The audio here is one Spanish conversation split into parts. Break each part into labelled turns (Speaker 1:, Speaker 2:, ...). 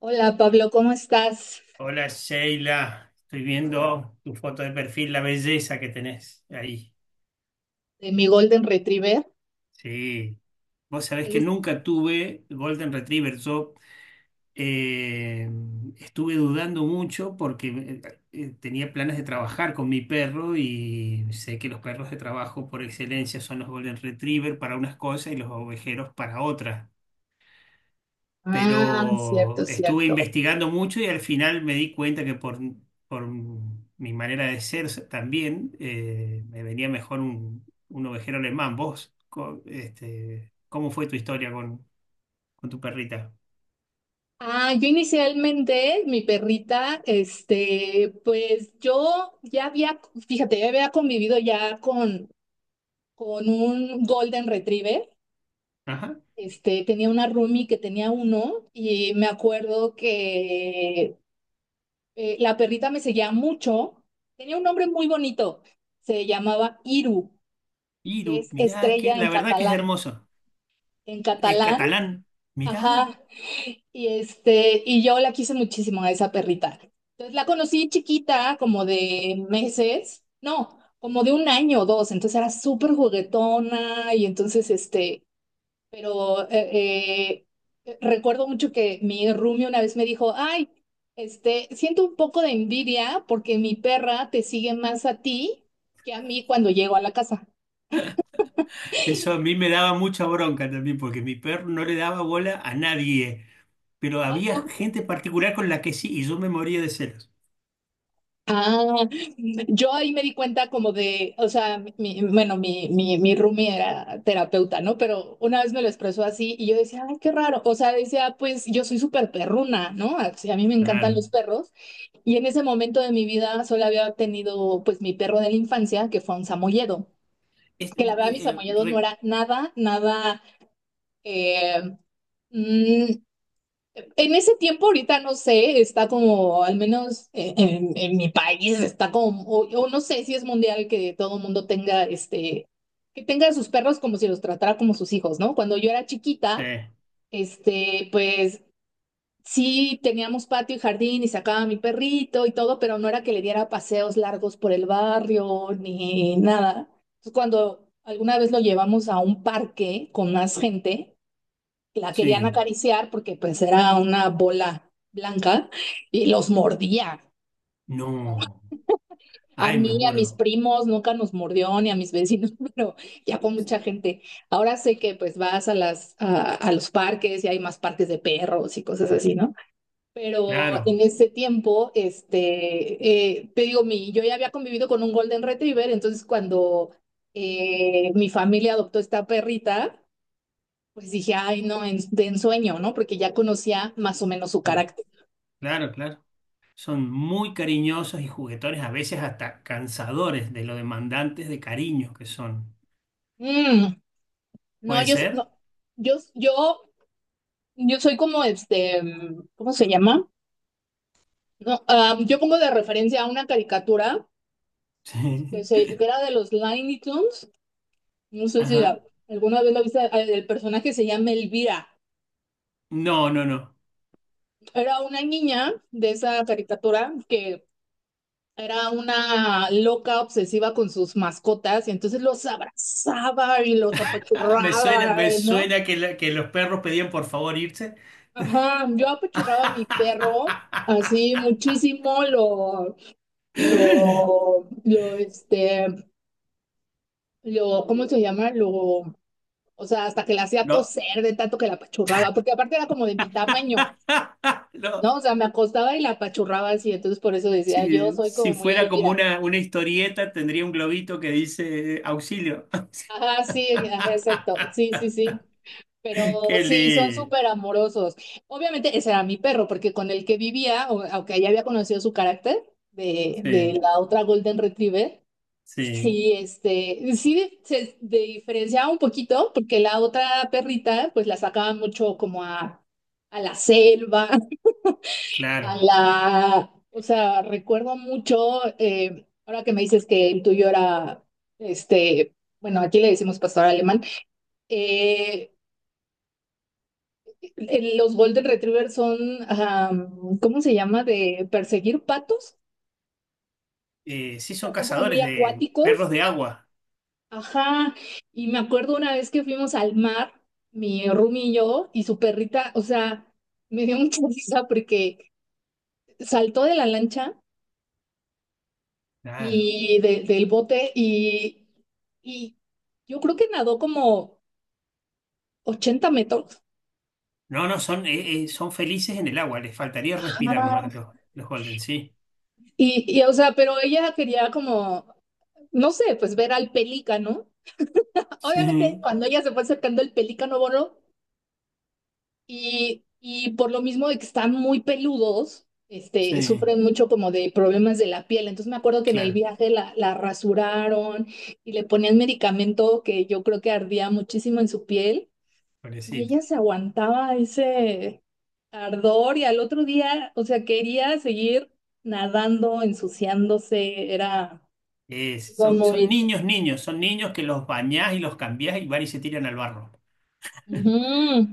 Speaker 1: Hola Pablo, ¿cómo estás?
Speaker 2: Hola Sheila, estoy viendo tu foto de perfil, la belleza que tenés ahí.
Speaker 1: De mi Golden Retriever.
Speaker 2: Sí, vos sabés
Speaker 1: ¿Te
Speaker 2: que
Speaker 1: gusta?
Speaker 2: nunca tuve Golden Retriever. Yo eh, Estuve dudando mucho porque tenía planes de trabajar con mi perro y sé que los perros de trabajo por excelencia son los Golden Retriever para unas cosas y los ovejeros para otras.
Speaker 1: Ah, cierto,
Speaker 2: Pero estuve
Speaker 1: cierto.
Speaker 2: investigando mucho y al final me di cuenta que por mi manera de ser también me venía mejor un ovejero alemán. Este, ¿cómo fue tu historia con tu perrita?
Speaker 1: Ah, yo inicialmente, mi perrita, pues yo ya había, fíjate, ya había convivido ya con un Golden Retriever.
Speaker 2: Ajá.
Speaker 1: Tenía una roomie que tenía uno y me acuerdo que la perrita me seguía mucho. Tenía un nombre muy bonito, se llamaba Iru, que
Speaker 2: Iru,
Speaker 1: es
Speaker 2: mirá, que
Speaker 1: estrella en
Speaker 2: la verdad que es
Speaker 1: catalán.
Speaker 2: hermoso.
Speaker 1: En
Speaker 2: Es
Speaker 1: catalán.
Speaker 2: catalán. Mirá,
Speaker 1: Ajá, y yo la quise muchísimo a esa perrita. Entonces la conocí chiquita, como de meses, no, como de un año o dos, entonces era súper juguetona y entonces pero recuerdo mucho que mi roomie una vez me dijo, ay, siento un poco de envidia porque mi perra te sigue más a ti que a mí cuando llego a la casa.
Speaker 2: eso a mí me daba mucha bronca también porque mi perro no le daba bola a nadie, pero había gente particular con la que sí y yo me moría de celos.
Speaker 1: Ah, yo ahí me di cuenta como de, o sea, mi, bueno, mi roomie era terapeuta, ¿no? Pero una vez me lo expresó así y yo decía, ay, qué raro. O sea, decía, pues yo soy súper perruna, ¿no? Así, a mí me encantan
Speaker 2: Claro.
Speaker 1: los perros. Y en ese momento de mi vida solo había tenido, pues, mi perro de la infancia, que fue un samoyedo.
Speaker 2: Es-
Speaker 1: Que la verdad, mi
Speaker 2: eh,
Speaker 1: samoyedo no
Speaker 2: re-
Speaker 1: era nada, nada, eh, mm, en ese tiempo, ahorita no sé, está como, al menos en, mi país, está como, o no sé si es mundial que todo el mundo tenga, este, que tenga a sus perros como si los tratara como sus hijos, ¿no? Cuando yo era
Speaker 2: Sí,
Speaker 1: chiquita, pues sí teníamos patio y jardín y sacaba a mi perrito y todo, pero no era que le diera paseos largos por el barrio ni nada. Entonces, cuando alguna vez lo llevamos a un parque con más gente, la querían
Speaker 2: sí.
Speaker 1: acariciar porque pues era una bola blanca y los mordía.
Speaker 2: No.
Speaker 1: A
Speaker 2: Ay, me
Speaker 1: mí, a mis
Speaker 2: muero.
Speaker 1: primos, nunca nos mordió, ni a mis vecinos, pero ya con mucha gente. Ahora sé que pues vas a los parques y hay más parques de perros y cosas así, ¿no? Pero en
Speaker 2: Claro,
Speaker 1: ese tiempo, te digo, yo ya había convivido con un Golden Retriever, entonces cuando mi familia adoptó esta perrita. Pues dije, ay, no, de ensueño, ¿no? Porque ya conocía más o menos su
Speaker 2: claro,
Speaker 1: carácter.
Speaker 2: claro. Son muy cariñosos y juguetones, a veces hasta cansadores de lo demandantes de cariño que son.
Speaker 1: Mm, no,
Speaker 2: ¿Puede
Speaker 1: yo, no,
Speaker 2: ser?
Speaker 1: yo, yo, yo soy como ¿cómo se llama? No, ah, yo pongo de referencia a una caricatura que,
Speaker 2: Sí.
Speaker 1: se, que era de los Looney Tunes. No sé si
Speaker 2: Ajá.
Speaker 1: alguna vez la viste, ah, el personaje se llama Elvira.
Speaker 2: No, no, no.
Speaker 1: Era una niña de esa caricatura que era una loca obsesiva con sus mascotas y entonces los abrazaba y los
Speaker 2: Ah, me suena,
Speaker 1: apachurraba,
Speaker 2: me
Speaker 1: ¿no?
Speaker 2: suena que, la- que los perros pedían por favor irse.
Speaker 1: Ajá, yo apachurraba a mi perro así muchísimo, lo, lo, este, lo, ¿cómo se llama? O sea, hasta que la hacía
Speaker 2: No.
Speaker 1: toser de tanto que la apachurraba, porque aparte era como de mi tamaño,
Speaker 2: No.
Speaker 1: ¿no? O sea, me acostaba y la apachurraba así, entonces por eso decía, yo
Speaker 2: Sí,
Speaker 1: soy
Speaker 2: si
Speaker 1: como muy
Speaker 2: fuera como
Speaker 1: Elvira.
Speaker 2: una historieta, tendría un globito que dice auxilio.
Speaker 1: Ajá, sí, ajá, exacto, sí, sí, sí. Pero
Speaker 2: Qué
Speaker 1: sí, son
Speaker 2: lindo.
Speaker 1: súper amorosos. Obviamente ese era mi perro, porque con el que vivía, aunque ya había conocido su carácter de
Speaker 2: Sí,
Speaker 1: la otra Golden Retriever,
Speaker 2: sí,
Speaker 1: sí, se diferenciaba un poquito, porque la otra perrita, pues la sacaban mucho como a la selva,
Speaker 2: claro.
Speaker 1: o sea, recuerdo mucho, ahora que me dices que el tuyo era, este, bueno, aquí le decimos pastor alemán. Eh, Los Golden Retriever son, ajá, ¿cómo se llama? De perseguir patos.
Speaker 2: Sí,
Speaker 1: O
Speaker 2: son
Speaker 1: sea, son como muy
Speaker 2: cazadores de
Speaker 1: acuáticos.
Speaker 2: perros de agua.
Speaker 1: Ajá. Y me acuerdo una vez que fuimos al mar, mi roomie y yo, y su perrita, o sea, me dio mucha risa porque saltó de la lancha
Speaker 2: Claro.
Speaker 1: y del bote y yo creo que nadó como 80 metros.
Speaker 2: No, no, son, son felices en el agua. Les faltaría respirar nomás
Speaker 1: Ajá.
Speaker 2: los Golden, sí.
Speaker 1: O sea, pero ella quería como, no sé, pues ver al pelícano. Obviamente,
Speaker 2: Sí,
Speaker 1: cuando ella se fue acercando el pelícano bono y por lo mismo de que están muy peludos, este,
Speaker 2: sí,
Speaker 1: sufren mucho como de problemas de la piel. Entonces me acuerdo que en el
Speaker 2: claro.
Speaker 1: viaje la rasuraron y le ponían medicamento que yo creo que ardía muchísimo en su piel y
Speaker 2: Pobrecito.
Speaker 1: ella se aguantaba ese ardor y al otro día, o sea, quería seguir nadando, ensuciándose, era
Speaker 2: Son,
Speaker 1: como.
Speaker 2: son niños, niños. Son niños que los bañás y los cambiás y van y se tiran al barro.
Speaker 1: Ujú.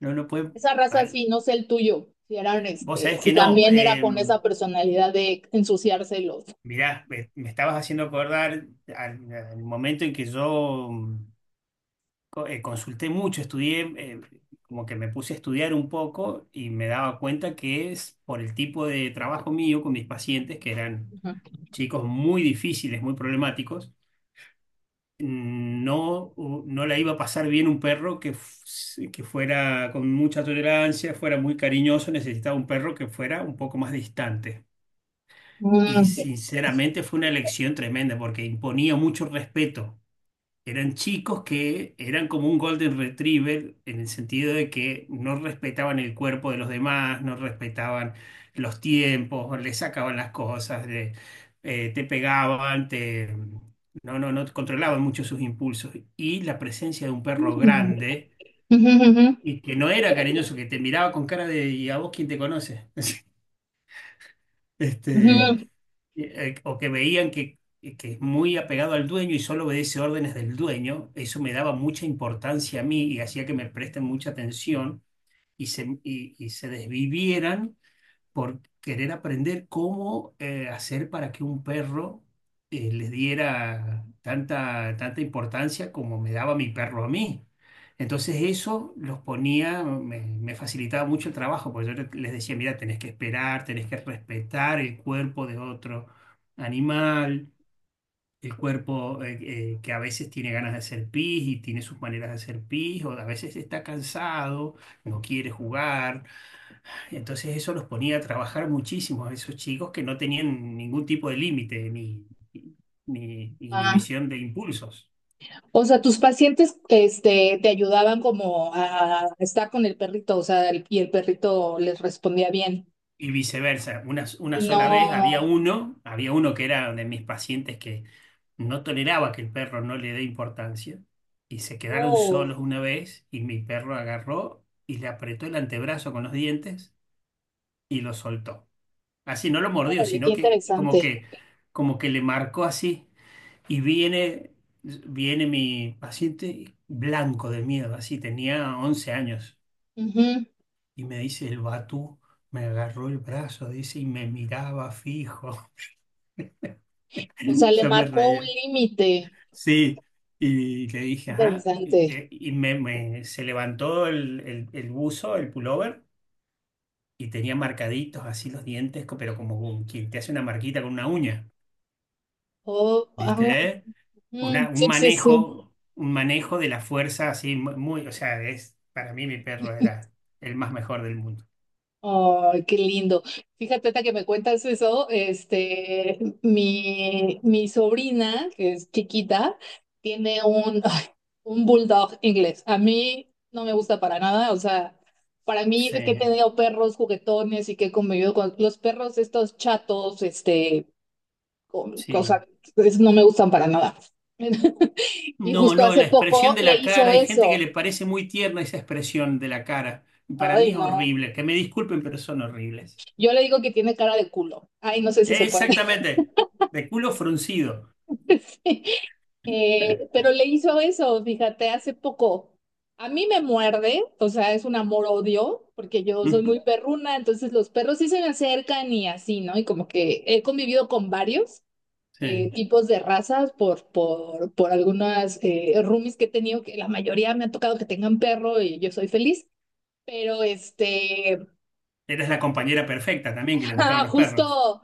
Speaker 2: No, no pueden.
Speaker 1: Esa raza sí, no sé el tuyo,
Speaker 2: Vos sabés
Speaker 1: si
Speaker 2: que no.
Speaker 1: también era
Speaker 2: eh,
Speaker 1: con esa personalidad de ensuciárselos.
Speaker 2: mirá, me, me estabas haciendo acordar al momento en que yo consulté mucho, estudié, como que me puse a estudiar un poco y me daba cuenta que es por el tipo de trabajo mío con mis pacientes, que eran
Speaker 1: Ujú.
Speaker 2: chicos muy difíciles, muy problemáticos, no, no la iba a pasar bien un perro que fuera con mucha tolerancia, fuera muy cariñoso, necesitaba un perro que fuera un poco más distante. Y
Speaker 1: Mm.
Speaker 2: sinceramente fue una elección tremenda porque imponía mucho respeto. Eran chicos que eran como un Golden Retriever en el sentido de que no respetaban el cuerpo de los demás, no respetaban los tiempos, le sacaban las cosas, te pegaban, no, no controlaban mucho sus impulsos. Y la presencia de un perro grande
Speaker 1: Ujú, ujú,
Speaker 2: y que no era cariñoso, que te miraba con cara de, ¿y a vos quién te conoce? Este,
Speaker 1: ujú.
Speaker 2: o que veían que es muy apegado al dueño y solo obedece órdenes del dueño, eso me daba mucha importancia a mí y hacía que me presten mucha atención y se desvivieran por querer aprender cómo hacer para que un perro le diera tanta, tanta importancia como me daba mi perro a mí. Entonces eso los ponía, me facilitaba mucho el trabajo, porque yo les decía, mira, tenés que esperar, tenés que respetar el cuerpo de otro animal, el cuerpo que a veces tiene ganas de hacer pis y tiene sus maneras de hacer pis, o a veces está cansado, no quiere jugar. Entonces eso los ponía a trabajar muchísimo a esos chicos que no tenían ningún tipo de límite, ni
Speaker 1: Ah,
Speaker 2: inhibición de impulsos.
Speaker 1: o sea, tus pacientes te ayudaban como a estar con el perrito, o sea, y el perrito les respondía bien.
Speaker 2: Y viceversa, una
Speaker 1: Y
Speaker 2: sola vez
Speaker 1: no,
Speaker 2: había uno que era de mis pacientes que no toleraba que el perro no le dé importancia y se quedaron
Speaker 1: oh,
Speaker 2: solos una vez y mi perro agarró y le apretó el antebrazo con los dientes y lo soltó. Así no lo mordió,
Speaker 1: órale, qué
Speaker 2: sino que como
Speaker 1: interesante.
Speaker 2: que como que le marcó así. Y viene, viene mi paciente blanco de miedo, así tenía 11 años.
Speaker 1: Ujú.
Speaker 2: Y me dice, el Batú me agarró el brazo, dice, y me miraba fijo.
Speaker 1: O sea, le
Speaker 2: Yo me
Speaker 1: marcó un
Speaker 2: reía.
Speaker 1: límite.
Speaker 2: Sí, y le dije, ajá, y,
Speaker 1: Interesante.
Speaker 2: y- y me, me- se levantó el buzo, el pullover, y tenía marcaditos así los dientes, pero como quien te hace una marquita con una uña,
Speaker 1: Oh, ah,
Speaker 2: ¿viste? una-
Speaker 1: mm,
Speaker 2: un
Speaker 1: sí, sí, sí.
Speaker 2: manejo, un manejo de la fuerza así muy, o sea, es, para mí mi perro era el más mejor del mundo.
Speaker 1: Ay, qué lindo. Fíjate ahorita que me cuentas eso, mi sobrina, que es chiquita, tiene un bulldog inglés. A mí no me gusta para nada, o sea, para mí
Speaker 2: Sí,
Speaker 1: que he tenido perros juguetones y que he convivido con los perros estos chatos, o
Speaker 2: sí.
Speaker 1: sea, esos no me gustan para nada. Y
Speaker 2: No,
Speaker 1: justo
Speaker 2: no,
Speaker 1: hace
Speaker 2: la expresión
Speaker 1: poco
Speaker 2: de
Speaker 1: le
Speaker 2: la cara,
Speaker 1: hizo
Speaker 2: hay gente que
Speaker 1: eso.
Speaker 2: le parece muy tierna esa expresión de la cara. Y para
Speaker 1: Ay,
Speaker 2: mí es
Speaker 1: no.
Speaker 2: horrible, que me disculpen, pero son horribles.
Speaker 1: Yo le digo que tiene cara de culo. Ay, no sé si se puede.
Speaker 2: Exactamente, de culo fruncido.
Speaker 1: Sí. Pero le hizo eso, fíjate, hace poco. A mí me muerde, o sea, es un amor-odio, porque yo soy muy
Speaker 2: Ujú,
Speaker 1: perruna, entonces los perros sí se me acercan y así, ¿no? Y como que he convivido con varios
Speaker 2: sí.
Speaker 1: tipos de razas por algunas roomies que he tenido, que la mayoría me ha tocado que tengan perro y yo soy feliz, pero
Speaker 2: Eres la compañera perfecta también que le gustaban los perros.
Speaker 1: justo.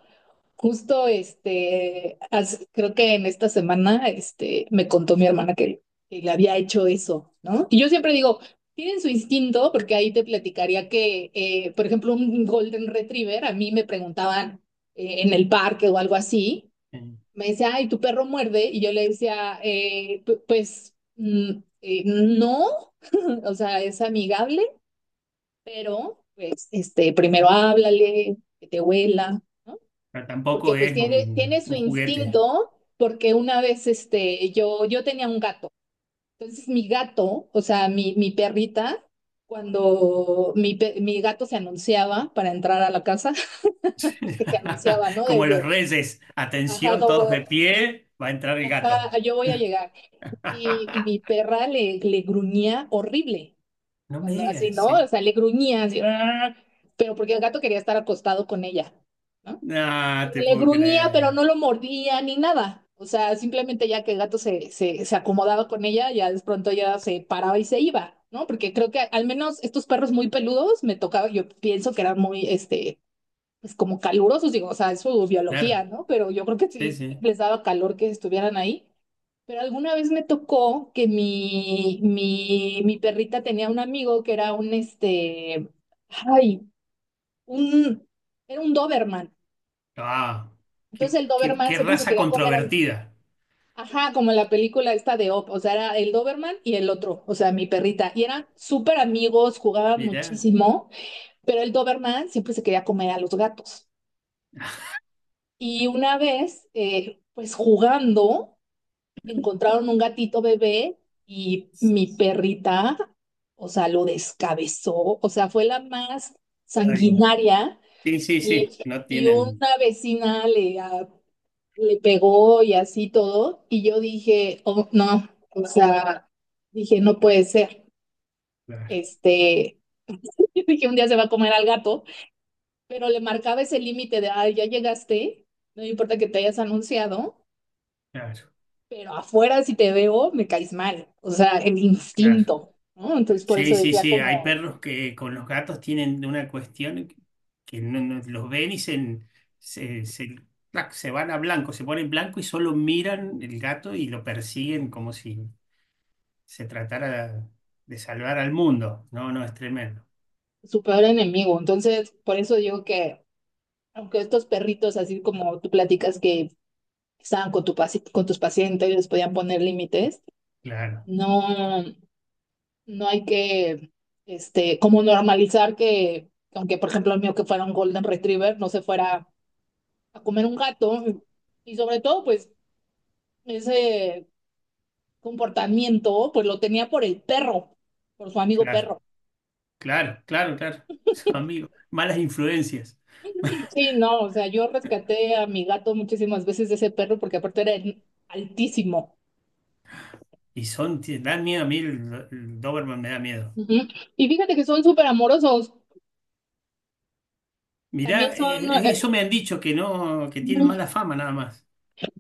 Speaker 1: Justo, creo que en esta semana, me contó mi hermana que le había hecho eso, ¿no? Y yo siempre digo, tienen su instinto, porque ahí te platicaría que, por ejemplo, un Golden Retriever, a mí me preguntaban en el parque o algo así,
Speaker 2: Sí.
Speaker 1: me decía, ay, tu perro muerde, y yo le decía, "Pues, no, o sea, es amigable, pero, pues, primero háblale, que te huela, ¿no?
Speaker 2: Pero tampoco
Speaker 1: porque pues
Speaker 2: es
Speaker 1: tiene su
Speaker 2: un juguete.
Speaker 1: instinto, porque una vez yo tenía un gato. Entonces mi gato, o sea, mi perrita, cuando mi gato se anunciaba para entrar a la casa, que se anunciaba, ¿no?
Speaker 2: Como los
Speaker 1: Desde,
Speaker 2: reyes,
Speaker 1: ajá,
Speaker 2: atención, todos
Speaker 1: como,
Speaker 2: de pie, va a entrar el gato.
Speaker 1: ajá, yo voy a llegar. Y mi perra le gruñía horrible,
Speaker 2: No me
Speaker 1: cuando así,
Speaker 2: digas,
Speaker 1: ¿no?
Speaker 2: sí.
Speaker 1: O sea, le gruñía así, "Arr", pero porque el gato quería estar acostado con ella, ¿no?
Speaker 2: No, te
Speaker 1: Le
Speaker 2: puedo
Speaker 1: gruñía, pero
Speaker 2: creer.
Speaker 1: no lo mordía ni nada. O sea, simplemente ya que el gato se acomodaba con ella, ya de pronto ya se paraba y se iba, ¿no? Porque creo que al menos estos perros muy peludos me tocaba, yo pienso que eran muy, pues como calurosos, digo, o sea, es su
Speaker 2: Claro,
Speaker 1: biología, ¿no? Pero yo creo que
Speaker 2: sí,
Speaker 1: sí
Speaker 2: sí.
Speaker 1: les daba calor que estuvieran ahí. Pero alguna vez me tocó que mi perrita tenía un amigo que era un, este, ay, un, era un Doberman.
Speaker 2: Ah,
Speaker 1: Entonces el Doberman
Speaker 2: qué
Speaker 1: siempre se
Speaker 2: raza
Speaker 1: quería comer a.
Speaker 2: controvertida.
Speaker 1: Ajá, como la película esta de Op, o sea, era el Doberman y el otro, o sea, mi perrita, y eran súper amigos, jugaban
Speaker 2: Mirá.
Speaker 1: muchísimo, pero el Doberman siempre se quería comer a los gatos. Y una vez, pues jugando, encontraron un gatito bebé y mi perrita, o sea, lo descabezó, o sea, fue la más
Speaker 2: Ay,
Speaker 1: sanguinaria
Speaker 2: sí, sí,
Speaker 1: y,
Speaker 2: sí. No
Speaker 1: y
Speaker 2: tienen.
Speaker 1: una vecina le pegó y así todo, y yo dije, oh, no, o sea, dije, no puede ser,
Speaker 2: Claro,
Speaker 1: este, dije, un día se va a comer al gato, pero le marcaba ese límite de, ay, ya llegaste, no me importa que te hayas anunciado,
Speaker 2: claro,
Speaker 1: pero afuera si te veo, me caes mal, o sea, el
Speaker 2: claro.
Speaker 1: instinto, ¿no? Entonces, por
Speaker 2: Sí,
Speaker 1: eso
Speaker 2: sí,
Speaker 1: decía
Speaker 2: sí, hay
Speaker 1: como
Speaker 2: perros que con los gatos tienen una cuestión que los ven y se, se, clac, se van a blanco, se ponen blanco y solo miran el gato y lo persiguen como si se tratara de salvar al mundo. No, no, es tremendo.
Speaker 1: su peor enemigo, entonces, por eso digo que, aunque estos perritos, así como tú platicas que estaban con tus pacientes, les podían poner límites,
Speaker 2: Claro,
Speaker 1: no. No hay que, como normalizar que, aunque por ejemplo el mío que fuera un Golden Retriever, no se fuera a comer un gato. Y sobre todo, pues, ese comportamiento, pues lo tenía por el perro, por su amigo
Speaker 2: claro,
Speaker 1: perro.
Speaker 2: claro. Son amigos, malas influencias.
Speaker 1: Sí, no, o sea, yo rescaté a mi gato muchísimas veces de ese perro porque aparte era altísimo.
Speaker 2: Y son, te dan miedo a mí, el Doberman me da miedo.
Speaker 1: Ujú. Y fíjate que son súper amorosos. También
Speaker 2: Mirá,
Speaker 1: son,
Speaker 2: eso me han dicho que no, que tienen
Speaker 1: mm,
Speaker 2: mala fama nada más.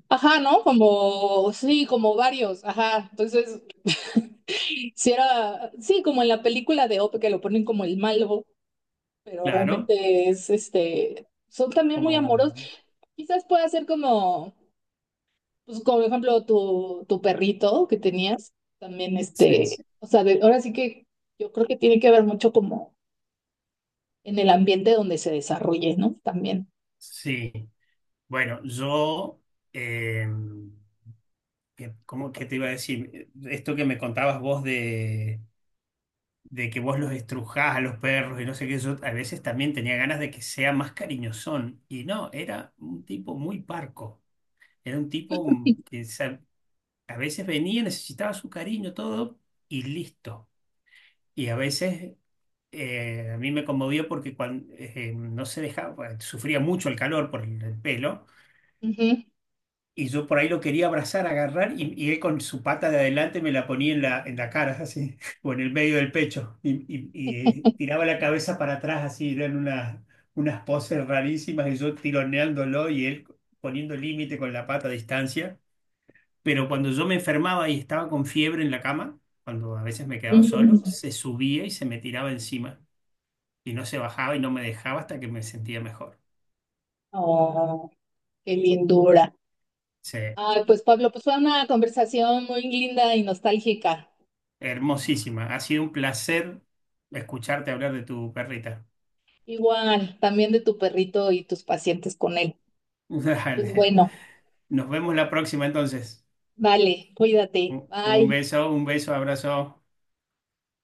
Speaker 1: ajá, ¿no? Como, sí, como varios, ajá. Entonces, Si era, sí, como en la película de Op que lo ponen como el malo, pero
Speaker 2: Claro,
Speaker 1: realmente son también muy
Speaker 2: como
Speaker 1: amorosos. Quizás pueda ser como, pues como por ejemplo tu perrito que tenías, también
Speaker 2: sí,
Speaker 1: o sea, ahora sí que yo creo que tiene que ver mucho como en el ambiente donde se desarrolle, ¿no? También.
Speaker 2: sí. Bueno, yo, eh, cómo que te iba a decir? Esto que me contabas vos de que vos los estrujás a los perros y no sé qué, yo a veces también tenía ganas de que sea más cariñosón. Y no, era un tipo muy parco. Era un tipo a veces venía, necesitaba su cariño, todo, y listo. Y a veces a mí me conmovió porque cuando, no se dejaba, sufría mucho el calor por el pelo.
Speaker 1: Ujú,
Speaker 2: Y yo por ahí lo quería abrazar, agarrar, y él con su pata de adelante me la ponía en en la cara, así, o en el medio del pecho, y tiraba la cabeza para atrás, así, eran unas poses rarísimas, y yo tironeándolo y él poniendo límite con la pata a distancia. Pero cuando yo me enfermaba y estaba con fiebre en la cama, cuando a veces me quedaba solo,
Speaker 1: ujú.
Speaker 2: se subía y se me tiraba encima, y no se bajaba y no me dejaba hasta que me sentía mejor.
Speaker 1: Oh, qué lindura. Ay, pues Pablo, pues fue una conversación muy linda y nostálgica.
Speaker 2: Hermosísima. Ha sido un placer escucharte hablar de tu perrita.
Speaker 1: Igual, también de tu perrito y tus pacientes con él. Pues
Speaker 2: Dale.
Speaker 1: bueno,
Speaker 2: Nos vemos la próxima entonces.
Speaker 1: vale,
Speaker 2: Un
Speaker 1: cuídate.
Speaker 2: un
Speaker 1: Bye.
Speaker 2: beso, un beso, abrazo.